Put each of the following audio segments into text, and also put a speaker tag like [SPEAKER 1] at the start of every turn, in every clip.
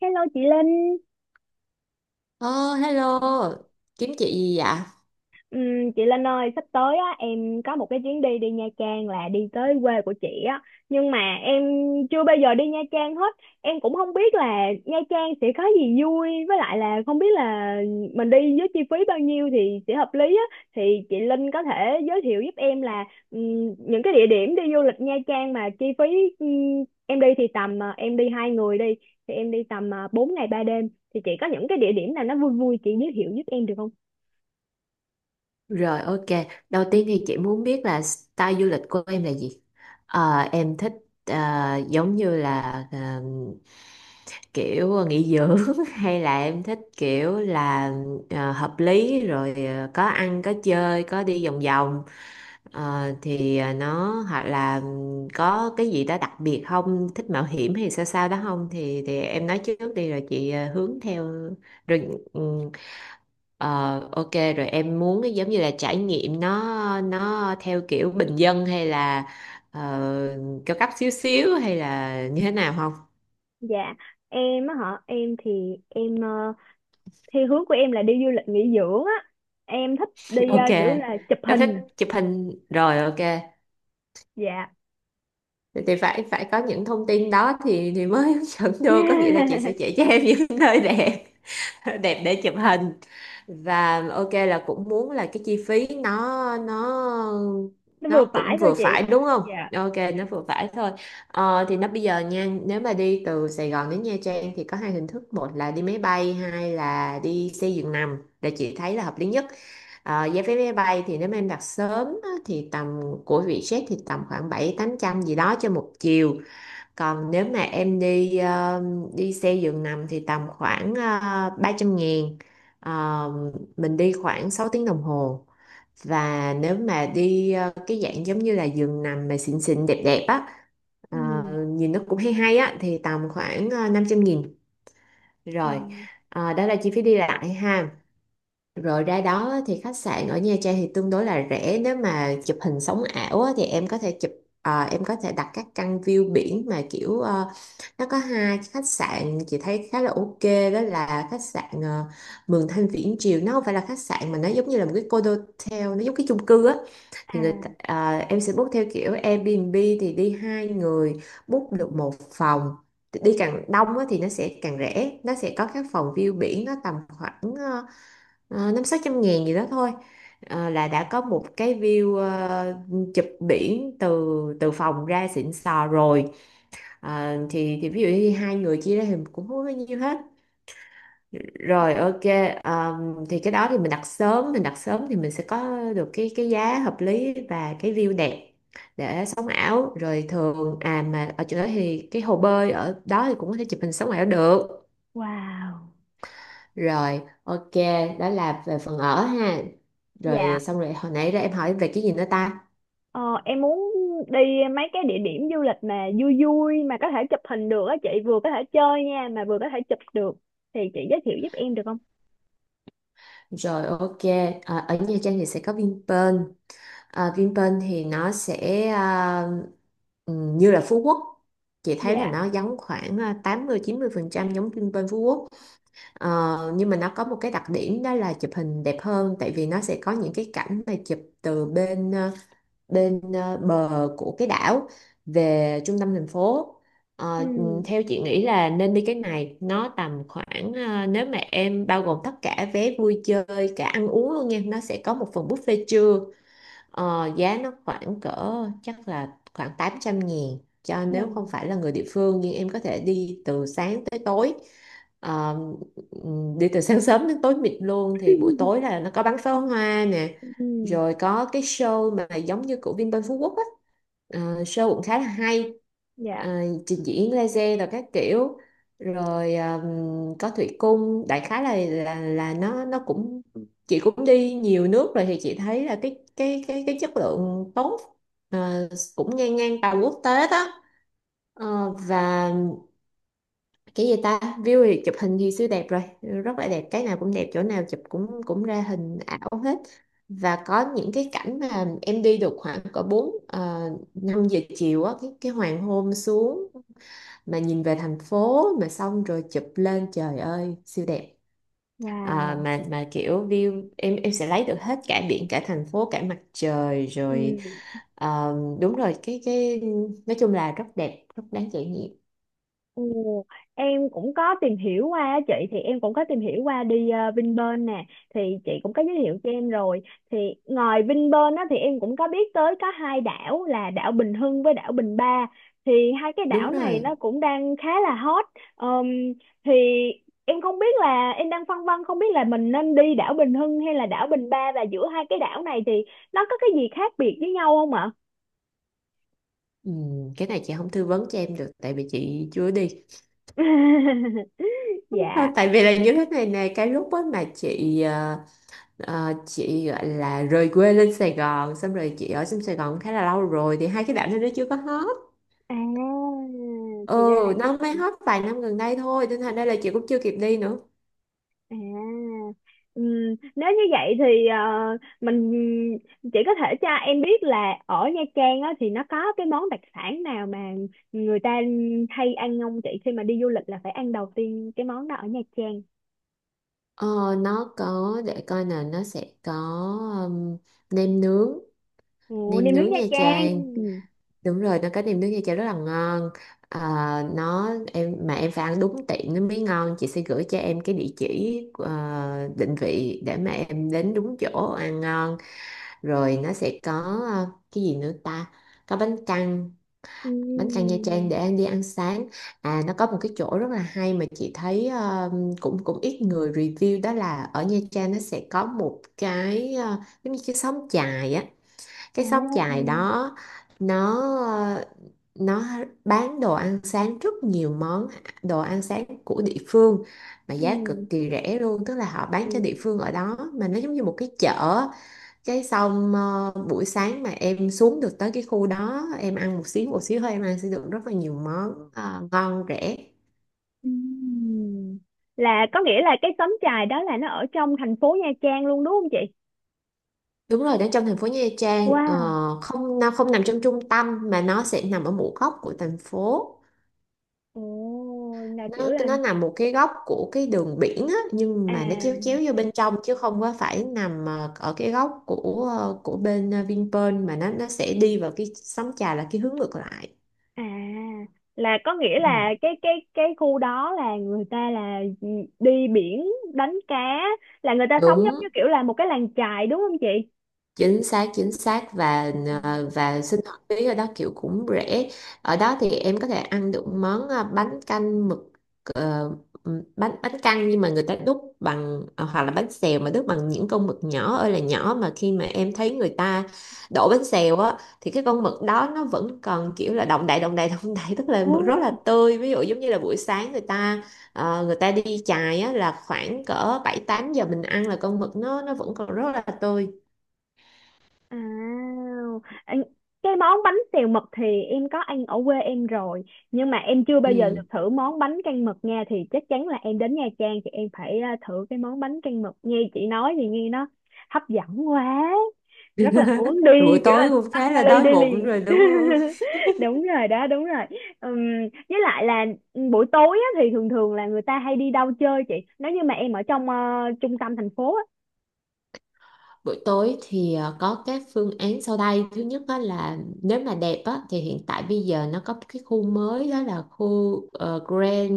[SPEAKER 1] Hello chị Linh.
[SPEAKER 2] Ờ, Hello, kiếm chị gì vậy?
[SPEAKER 1] Chị Linh ơi, sắp tới á, em có một cái chuyến đi đi Nha Trang, là đi tới quê của chị á. Nhưng mà em chưa bao giờ đi Nha Trang hết. Em cũng không biết là Nha Trang sẽ có gì vui. Với lại là không biết là mình đi với chi phí bao nhiêu thì sẽ hợp lý á. Thì chị Linh có thể giới thiệu giúp em là những cái địa điểm đi du lịch Nha Trang mà chi phí em đi thì tầm, em đi hai người đi. Thì em đi tầm 4 ngày 3 đêm. Thì chị có những cái địa điểm nào nó vui vui chị giới thiệu giúp em được không?
[SPEAKER 2] Rồi, ok, đầu tiên thì chị muốn biết là style du lịch của em là gì? Em thích ờ, giống như là ờ, kiểu nghỉ dưỡng hay là em thích kiểu là hợp lý rồi, có ăn có chơi có đi vòng vòng. Nó hoặc là có cái gì đó đặc biệt, không thích mạo hiểm hay sao sao đó không thì em nói trước đi rồi chị hướng theo. Rồi, ừ, ờ, ok, rồi em muốn cái giống như là trải nghiệm, nó theo kiểu bình dân hay là ờ, cao cấp xíu xíu hay là như thế nào không?
[SPEAKER 1] Dạ, em á hả? Em thì em ờ, theo hướng của em là đi du lịch nghỉ dưỡng á. Em thích đi
[SPEAKER 2] Ok,
[SPEAKER 1] kiểu là chụp
[SPEAKER 2] nó thích
[SPEAKER 1] hình.
[SPEAKER 2] chụp hình rồi, ok.
[SPEAKER 1] Dạ.
[SPEAKER 2] Thì phải phải có những thông tin đó thì mới hướng dẫn được, có nghĩa là chị sẽ chỉ cho em những nơi đẹp đẹp để chụp hình. Và ok, là cũng muốn là cái chi phí nó nó
[SPEAKER 1] Nó
[SPEAKER 2] nó
[SPEAKER 1] vừa phải
[SPEAKER 2] cũng
[SPEAKER 1] thôi
[SPEAKER 2] vừa phải
[SPEAKER 1] chị.
[SPEAKER 2] đúng không?
[SPEAKER 1] Dạ.
[SPEAKER 2] Ok, nó vừa phải thôi. Thì nó bây giờ nha, nếu mà đi từ Sài Gòn đến Nha Trang thì có hai hình thức, một là đi máy bay, hai là đi xe giường nằm, để chị thấy là hợp lý nhất. Ờ, giá vé máy bay thì nếu mà em đặt sớm á, thì tầm của Vietjet thì tầm khoảng bảy tám trăm gì đó cho một chiều. Còn nếu mà em đi đi xe giường nằm thì tầm khoảng 300 ngàn. Ờ, mình đi khoảng 6 tiếng đồng hồ. Và nếu mà đi cái dạng giống như là giường nằm mà xịn xịn đẹp đẹp á, ờ,
[SPEAKER 1] Ừ.
[SPEAKER 2] nhìn nó cũng hay hay á, thì tầm khoảng 500 nghìn.
[SPEAKER 1] Ừ.
[SPEAKER 2] Rồi, đó là chi phí đi lại ha. Rồi ra đó thì khách sạn ở Nha Trang thì tương đối là rẻ, nếu mà chụp hình sống ảo á, thì em có thể em có thể đặt các căn view biển mà kiểu, ờ, nó có hai khách sạn chị thấy khá là ok, đó là khách sạn Mường Thanh Viễn Triều, nó không phải là khách sạn mà nó giống như là một cái condotel, nó giống cái chung cư á,
[SPEAKER 1] À,
[SPEAKER 2] à, em sẽ book theo kiểu Airbnb thì đi hai người book được một phòng, đi càng đông á, thì nó sẽ càng rẻ, nó sẽ có các phòng view biển nó tầm khoảng 500-600 ngàn gì đó thôi. Ờ, là đã có một cái view, chụp biển từ từ phòng ra xịn sò rồi. Ờ, thì ví dụ như hai người chia ra thì cũng không có bao nhiêu hết, rồi ok. Thì cái đó thì mình đặt sớm thì mình sẽ có được cái giá hợp lý và cái view đẹp để sống ảo rồi. Thường à, mà ở chỗ đó thì cái hồ bơi ở đó thì cũng có thể chụp hình sống ảo được.
[SPEAKER 1] wow.
[SPEAKER 2] Rồi, ok, đó là về phần ở ha. Rồi
[SPEAKER 1] Dạ.
[SPEAKER 2] xong rồi, hồi nãy ra em hỏi về cái gì nữa ta?
[SPEAKER 1] Ờ, em muốn đi mấy cái địa điểm du lịch mà vui vui mà có thể chụp hình được á chị, vừa có thể chơi nha mà vừa có thể chụp được. Thì chị giới thiệu giúp em được không?
[SPEAKER 2] Rồi, ok, ở Nha Trang thì sẽ có Vinpearl. Ờ, Vinpearl thì nó sẽ như là Phú Quốc. Chị thấy là
[SPEAKER 1] Dạ.
[SPEAKER 2] nó giống khoảng 80-90% giống Vinpearl Phú Quốc. Ờ, nhưng mà nó có một cái đặc điểm đó là chụp hình đẹp hơn, tại vì nó sẽ có những cái cảnh mà chụp từ bờ của cái đảo về trung tâm thành phố.
[SPEAKER 1] Ừ.
[SPEAKER 2] Ờ, ừ, theo chị nghĩ là nên đi cái này, nó tầm khoảng, nếu mà em bao gồm tất cả vé vui chơi cả ăn uống luôn nha, nó sẽ có một phần buffet trưa. Ờ, giá nó khoảng cỡ, chắc là khoảng 800 nghìn, cho nếu không
[SPEAKER 1] Vâng.
[SPEAKER 2] phải là người địa phương, nhưng em có thể đi từ sáng tới tối. Ờ, đi từ sáng sớm đến tối mịt luôn, thì buổi tối là nó có bắn pháo hoa nè,
[SPEAKER 1] Ừ.
[SPEAKER 2] rồi có cái show mà giống như của Vinpearl Phú Quốc á. Ờ, show cũng khá là hay, ờ,
[SPEAKER 1] Dạ.
[SPEAKER 2] trình diễn laser rồi các kiểu, rồi có thủy cung, đại khái là là nó cũng, chị cũng đi nhiều nước rồi thì chị thấy là cái chất lượng tốt, ờ, cũng ngang ngang tầm quốc tế đó. Ờ, và cái gì ta, view thì chụp hình thì siêu đẹp rồi, rất là đẹp, cái nào cũng đẹp, chỗ nào chụp cũng cũng ra hình ảo hết. Và có những cái cảnh mà em đi được khoảng cỡ 4 5 giờ chiều á, cái hoàng hôn xuống mà nhìn về thành phố, mà xong rồi chụp lên, trời ơi siêu đẹp. À,
[SPEAKER 1] Wow.
[SPEAKER 2] mà kiểu view em sẽ lấy được hết cả biển cả thành phố cả mặt trời rồi,
[SPEAKER 1] Ừ.
[SPEAKER 2] ờ, đúng rồi. Cái Nói chung là rất đẹp, rất đáng trải nghiệm.
[SPEAKER 1] Ồ, em cũng có tìm hiểu qua á chị, thì em cũng có tìm hiểu qua đi Vinpearl nè, thì chị cũng có giới thiệu cho em rồi. Thì ngoài Vinpearl á, thì em cũng có biết tới có hai đảo là đảo Bình Hưng với đảo Bình Ba. Thì hai cái
[SPEAKER 2] Đúng
[SPEAKER 1] đảo này
[SPEAKER 2] rồi,
[SPEAKER 1] nó cũng đang khá là hot. Ờm, thì em không biết là em đang phân vân không biết là mình nên đi đảo Bình Hưng hay là đảo Bình Ba, và giữa hai cái đảo này thì nó có cái gì khác biệt với nhau không ạ?
[SPEAKER 2] ừ, cái này chị không tư vấn cho em được, tại vì chị chưa đi. À,
[SPEAKER 1] Dạ.
[SPEAKER 2] tại vì là như thế này nè, cái lúc á mà chị chị gọi là rời quê lên Sài Gòn, xong rồi chị ở trong Sài Gòn khá là lâu rồi, thì hai cái đảo này nó chưa có hết.
[SPEAKER 1] À,
[SPEAKER 2] Ừ,
[SPEAKER 1] thì ra là.
[SPEAKER 2] nó mới hết vài năm gần đây thôi, nên thành ra là chị cũng chưa kịp đi nữa.
[SPEAKER 1] À, ừm, nếu như vậy thì mình chỉ có thể cho em biết là ở Nha Trang á, thì nó có cái món đặc sản nào mà người ta hay ăn không chị, khi mà đi du lịch là phải ăn đầu tiên cái món đó ở Nha Trang.
[SPEAKER 2] Ờ, nó có, để coi nè, nó sẽ có um, nem nướng,
[SPEAKER 1] Ồ,
[SPEAKER 2] nem
[SPEAKER 1] nem nướng
[SPEAKER 2] nướng
[SPEAKER 1] Nha
[SPEAKER 2] Nha
[SPEAKER 1] Trang.
[SPEAKER 2] Trang,
[SPEAKER 1] Ừ.
[SPEAKER 2] đúng rồi, nó có nem nướng Nha Trang rất là ngon. Ờ, em mà em phải ăn đúng tiệm nó mới ngon, chị sẽ gửi cho em cái địa chỉ, ờ, định vị để mà em đến đúng chỗ ăn ngon. Rồi nó sẽ có, cái gì nữa ta, có bánh căn, bánh căn Nha Trang
[SPEAKER 1] Ừm.
[SPEAKER 2] để em đi ăn sáng. À, nó có một cái chỗ rất là hay mà chị thấy, ờ, cũng cũng ít người review, đó là ở Nha Trang nó sẽ có một cái, giống như cái xóm chài á. Cái xóm
[SPEAKER 1] À.
[SPEAKER 2] chài đó nó, ờ, nó bán đồ ăn sáng rất nhiều món, đồ ăn sáng của địa phương mà giá cực
[SPEAKER 1] Ừm.
[SPEAKER 2] kỳ rẻ luôn, tức là họ bán cho
[SPEAKER 1] Ừm.
[SPEAKER 2] địa phương ở đó mà nó giống như một cái chợ. Cái xong, buổi sáng mà em xuống được tới cái khu đó, em ăn một xíu thôi, em ăn sẽ được rất là nhiều món, ngon rẻ.
[SPEAKER 1] Ừm. Là có nghĩa là cái xóm chài đó là nó ở trong thành phố Nha Trang luôn đúng không chị?
[SPEAKER 2] Đúng rồi, đến trong thành phố Nha Trang, ờ,
[SPEAKER 1] Wow.
[SPEAKER 2] không, nó không nằm trong trung tâm mà nó sẽ nằm ở một góc của thành phố.
[SPEAKER 1] Ồ, là
[SPEAKER 2] nó
[SPEAKER 1] kiểu là
[SPEAKER 2] nó nằm một cái góc của cái đường biển á, nhưng mà nó chéo chéo
[SPEAKER 1] à.
[SPEAKER 2] vô bên trong chứ không có phải nằm ở cái góc của, của bên, Vinpearl, mà nó sẽ đi vào cái sóng trà là cái hướng ngược lại.
[SPEAKER 1] À, là có nghĩa là
[SPEAKER 2] Ừ.
[SPEAKER 1] cái khu đó là người ta là đi biển đánh cá, là người ta sống giống như
[SPEAKER 2] Đúng,
[SPEAKER 1] kiểu là một cái làng chài đúng không chị?
[SPEAKER 2] chính xác, chính xác. Và ờ, và sinh hoạt phí ở đó kiểu cũng rẻ. Ở đó thì em có thể ăn được món, bánh canh mực, ờ, bánh bánh căn, nhưng mà người ta đúc bằng, hoặc là bánh xèo mà đúc bằng những con mực nhỏ ơi là nhỏ, mà khi mà em thấy người ta đổ bánh xèo á, thì cái con mực đó nó vẫn còn kiểu là động đậy động đậy, tức là
[SPEAKER 1] Ừ.
[SPEAKER 2] mực rất là tươi. Ví dụ giống như là buổi sáng người ta, người ta đi chài á, là khoảng cỡ 7-8 giờ mình ăn là con mực nó vẫn còn rất là tươi.
[SPEAKER 1] À, anh- cái món bánh xèo mực thì em có ăn ở quê em rồi, nhưng mà em chưa bao giờ được
[SPEAKER 2] Ừ,
[SPEAKER 1] thử món bánh canh mực nha. Thì chắc chắn là em đến Nha Trang thì em phải à, thử cái món bánh canh mực. Nghe chị nói thì nghe nó hấp dẫn quá, rất là muốn
[SPEAKER 2] buổi
[SPEAKER 1] đi, kiểu là
[SPEAKER 2] tối
[SPEAKER 1] đúng
[SPEAKER 2] cũng
[SPEAKER 1] tắt
[SPEAKER 2] khá là
[SPEAKER 1] vali
[SPEAKER 2] đói
[SPEAKER 1] đi
[SPEAKER 2] bụng
[SPEAKER 1] liền.
[SPEAKER 2] rồi đúng không?
[SPEAKER 1] Đúng rồi đó, đúng rồi. Ừm, với lại là buổi tối á, thì thường thường là người ta hay đi đâu chơi chị, nếu như mà em ở trong trung tâm thành phố á.
[SPEAKER 2] Buổi tối thì, có các phương án sau đây. Thứ nhất á là nếu mà đẹp á, thì hiện tại bây giờ nó có cái khu mới đó là khu, ờ, Grand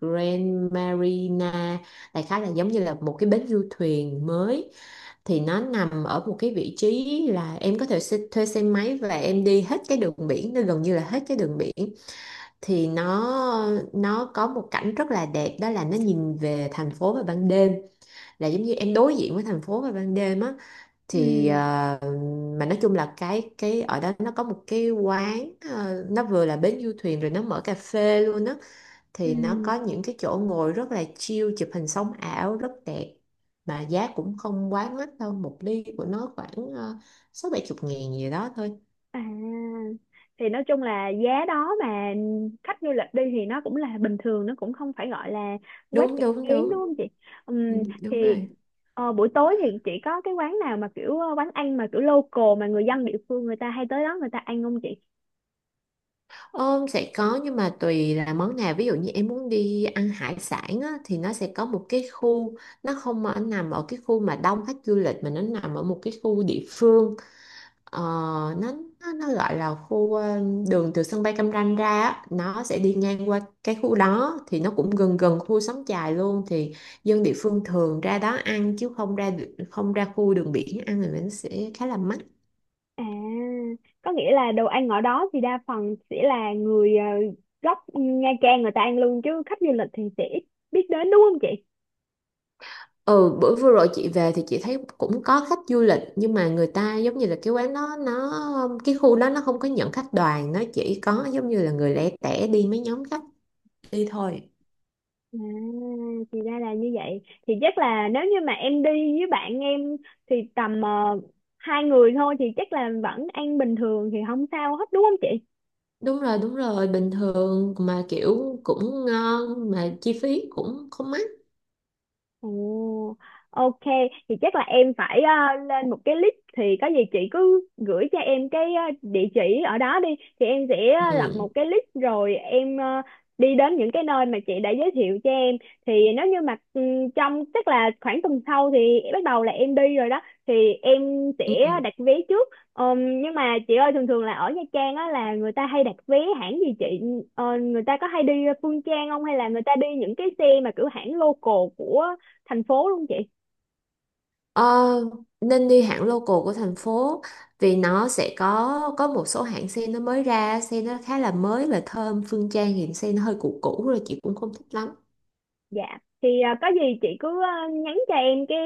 [SPEAKER 2] Grand Marina. Đại khái là giống như là một cái bến du thuyền mới. Thì nó nằm ở một cái vị trí là em có thể xe, thuê xe máy và em đi hết cái đường biển, nó gần như là hết cái đường biển. Thì nó có một cảnh rất là đẹp, đó là nó nhìn về thành phố vào ban đêm, là giống như em đối diện với thành phố vào ban đêm á,
[SPEAKER 1] Ừ.
[SPEAKER 2] thì, ờ, mà nói chung là cái ở đó nó có một cái quán, nó vừa là bến du thuyền rồi nó mở cà phê luôn á, thì nó có
[SPEAKER 1] Ừ.
[SPEAKER 2] những cái chỗ ngồi rất là chill, chụp hình sóng ảo rất đẹp, mà giá cũng không quá mắc đâu, một ly của nó khoảng, 60-70 ngàn gì đó thôi.
[SPEAKER 1] À, thì nói chung là giá đó mà khách du lịch đi thì nó cũng là bình thường, nó cũng không phải gọi là quá
[SPEAKER 2] Đúng
[SPEAKER 1] chặt
[SPEAKER 2] đúng
[SPEAKER 1] chém đúng
[SPEAKER 2] đúng.
[SPEAKER 1] không chị.
[SPEAKER 2] Ừ,
[SPEAKER 1] Ừm,
[SPEAKER 2] đúng
[SPEAKER 1] thì
[SPEAKER 2] rồi.
[SPEAKER 1] buổi tối thì chị có cái quán nào mà kiểu quán ăn mà kiểu local mà người dân địa phương người ta hay tới đó người ta ăn không chị?
[SPEAKER 2] Ôm sẽ có, nhưng mà tùy là món nào, ví dụ như em muốn đi ăn hải sản á, thì nó sẽ có một cái khu, nó không ở nằm ở cái khu mà đông khách du lịch mà nó nằm ở một cái khu địa phương. Ờ, nó, nó gọi là khu, đường từ sân bay Cam Ranh ra á, nó sẽ đi ngang qua cái khu đó, thì nó cũng gần gần khu Xóm Chài luôn, thì dân địa phương thường ra đó ăn chứ không ra, không ra khu đường biển ăn thì nó sẽ khá là mắc.
[SPEAKER 1] À, có nghĩa là đồ ăn ở đó thì đa phần sẽ là người gốc Nha Trang người ta ăn luôn, chứ khách du lịch thì sẽ ít biết đến đúng không chị?
[SPEAKER 2] Ừ, bữa vừa rồi chị về thì chị thấy cũng có khách du lịch, nhưng mà người ta giống như là cái quán đó nó, khu đó nó không có nhận khách đoàn, nó chỉ có giống như là người lẻ tẻ đi mấy nhóm khách đi thôi.
[SPEAKER 1] À, thì ra là như vậy. Thì chắc là nếu như mà em đi với bạn em thì tầm hai người thôi thì chắc là vẫn ăn bình thường thì không sao hết đúng không chị?
[SPEAKER 2] Đúng rồi, bình thường mà kiểu cũng ngon mà chi phí cũng không mắc.
[SPEAKER 1] Ồ, ok, thì chắc là em phải lên một cái list. Thì có gì chị cứ gửi cho em cái địa chỉ ở đó đi, thì em sẽ lập
[SPEAKER 2] Ừ.
[SPEAKER 1] một cái list rồi em đi đến những cái nơi mà chị đã giới thiệu cho em. Thì nếu như mà trong chắc là khoảng tuần sau thì bắt đầu là em đi rồi đó, thì em sẽ
[SPEAKER 2] Ừ.
[SPEAKER 1] đặt vé trước. Nhưng mà chị ơi, thường thường là ở Nha Trang á là người ta hay đặt vé hãng gì chị? Ờ, người ta có hay đi Phương Trang không, hay là người ta đi những cái xe mà kiểu hãng local của thành phố luôn chị?
[SPEAKER 2] Ờ, nên đi hãng local của thành phố, vì nó sẽ có một số hãng sen nó mới ra, sen nó khá là mới và thơm, Phương Trang thì sen nó hơi cũ cũ rồi, chị cũng không thích lắm.
[SPEAKER 1] Dạ, thì à, có gì chị cứ à, nhắn cho em cái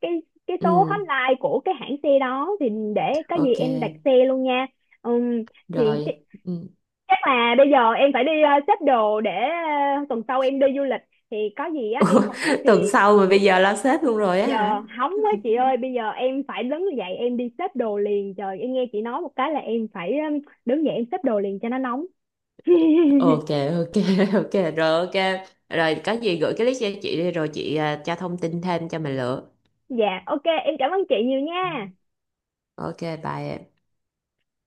[SPEAKER 1] cái cái số
[SPEAKER 2] Ừ.
[SPEAKER 1] hotline của cái hãng xe đó, thì để có gì
[SPEAKER 2] Ok
[SPEAKER 1] em đặt xe luôn nha. Ừm, thì
[SPEAKER 2] rồi, ừ.
[SPEAKER 1] chắc là bây giờ em phải đi à, xếp đồ để à, tuần sau em đi du lịch. Thì có gì á
[SPEAKER 2] Ủa,
[SPEAKER 1] em không biết thì
[SPEAKER 2] tuần sau mà bây giờ lo sếp luôn rồi á
[SPEAKER 1] giờ,
[SPEAKER 2] hả?
[SPEAKER 1] hóng quá chị ơi, bây giờ em phải đứng dậy em đi xếp đồ liền, trời. Em nghe chị nói một cái là em phải ừ, đứng dậy em xếp đồ liền cho nó nóng.
[SPEAKER 2] Ok, ok, ok rồi, ok rồi, có gì gửi cái list cho chị đi, rồi chị, à, cho thông tin thêm cho mình lựa.
[SPEAKER 1] Dạ, ok, em cảm ơn chị nhiều nha.
[SPEAKER 2] Ok, bye em.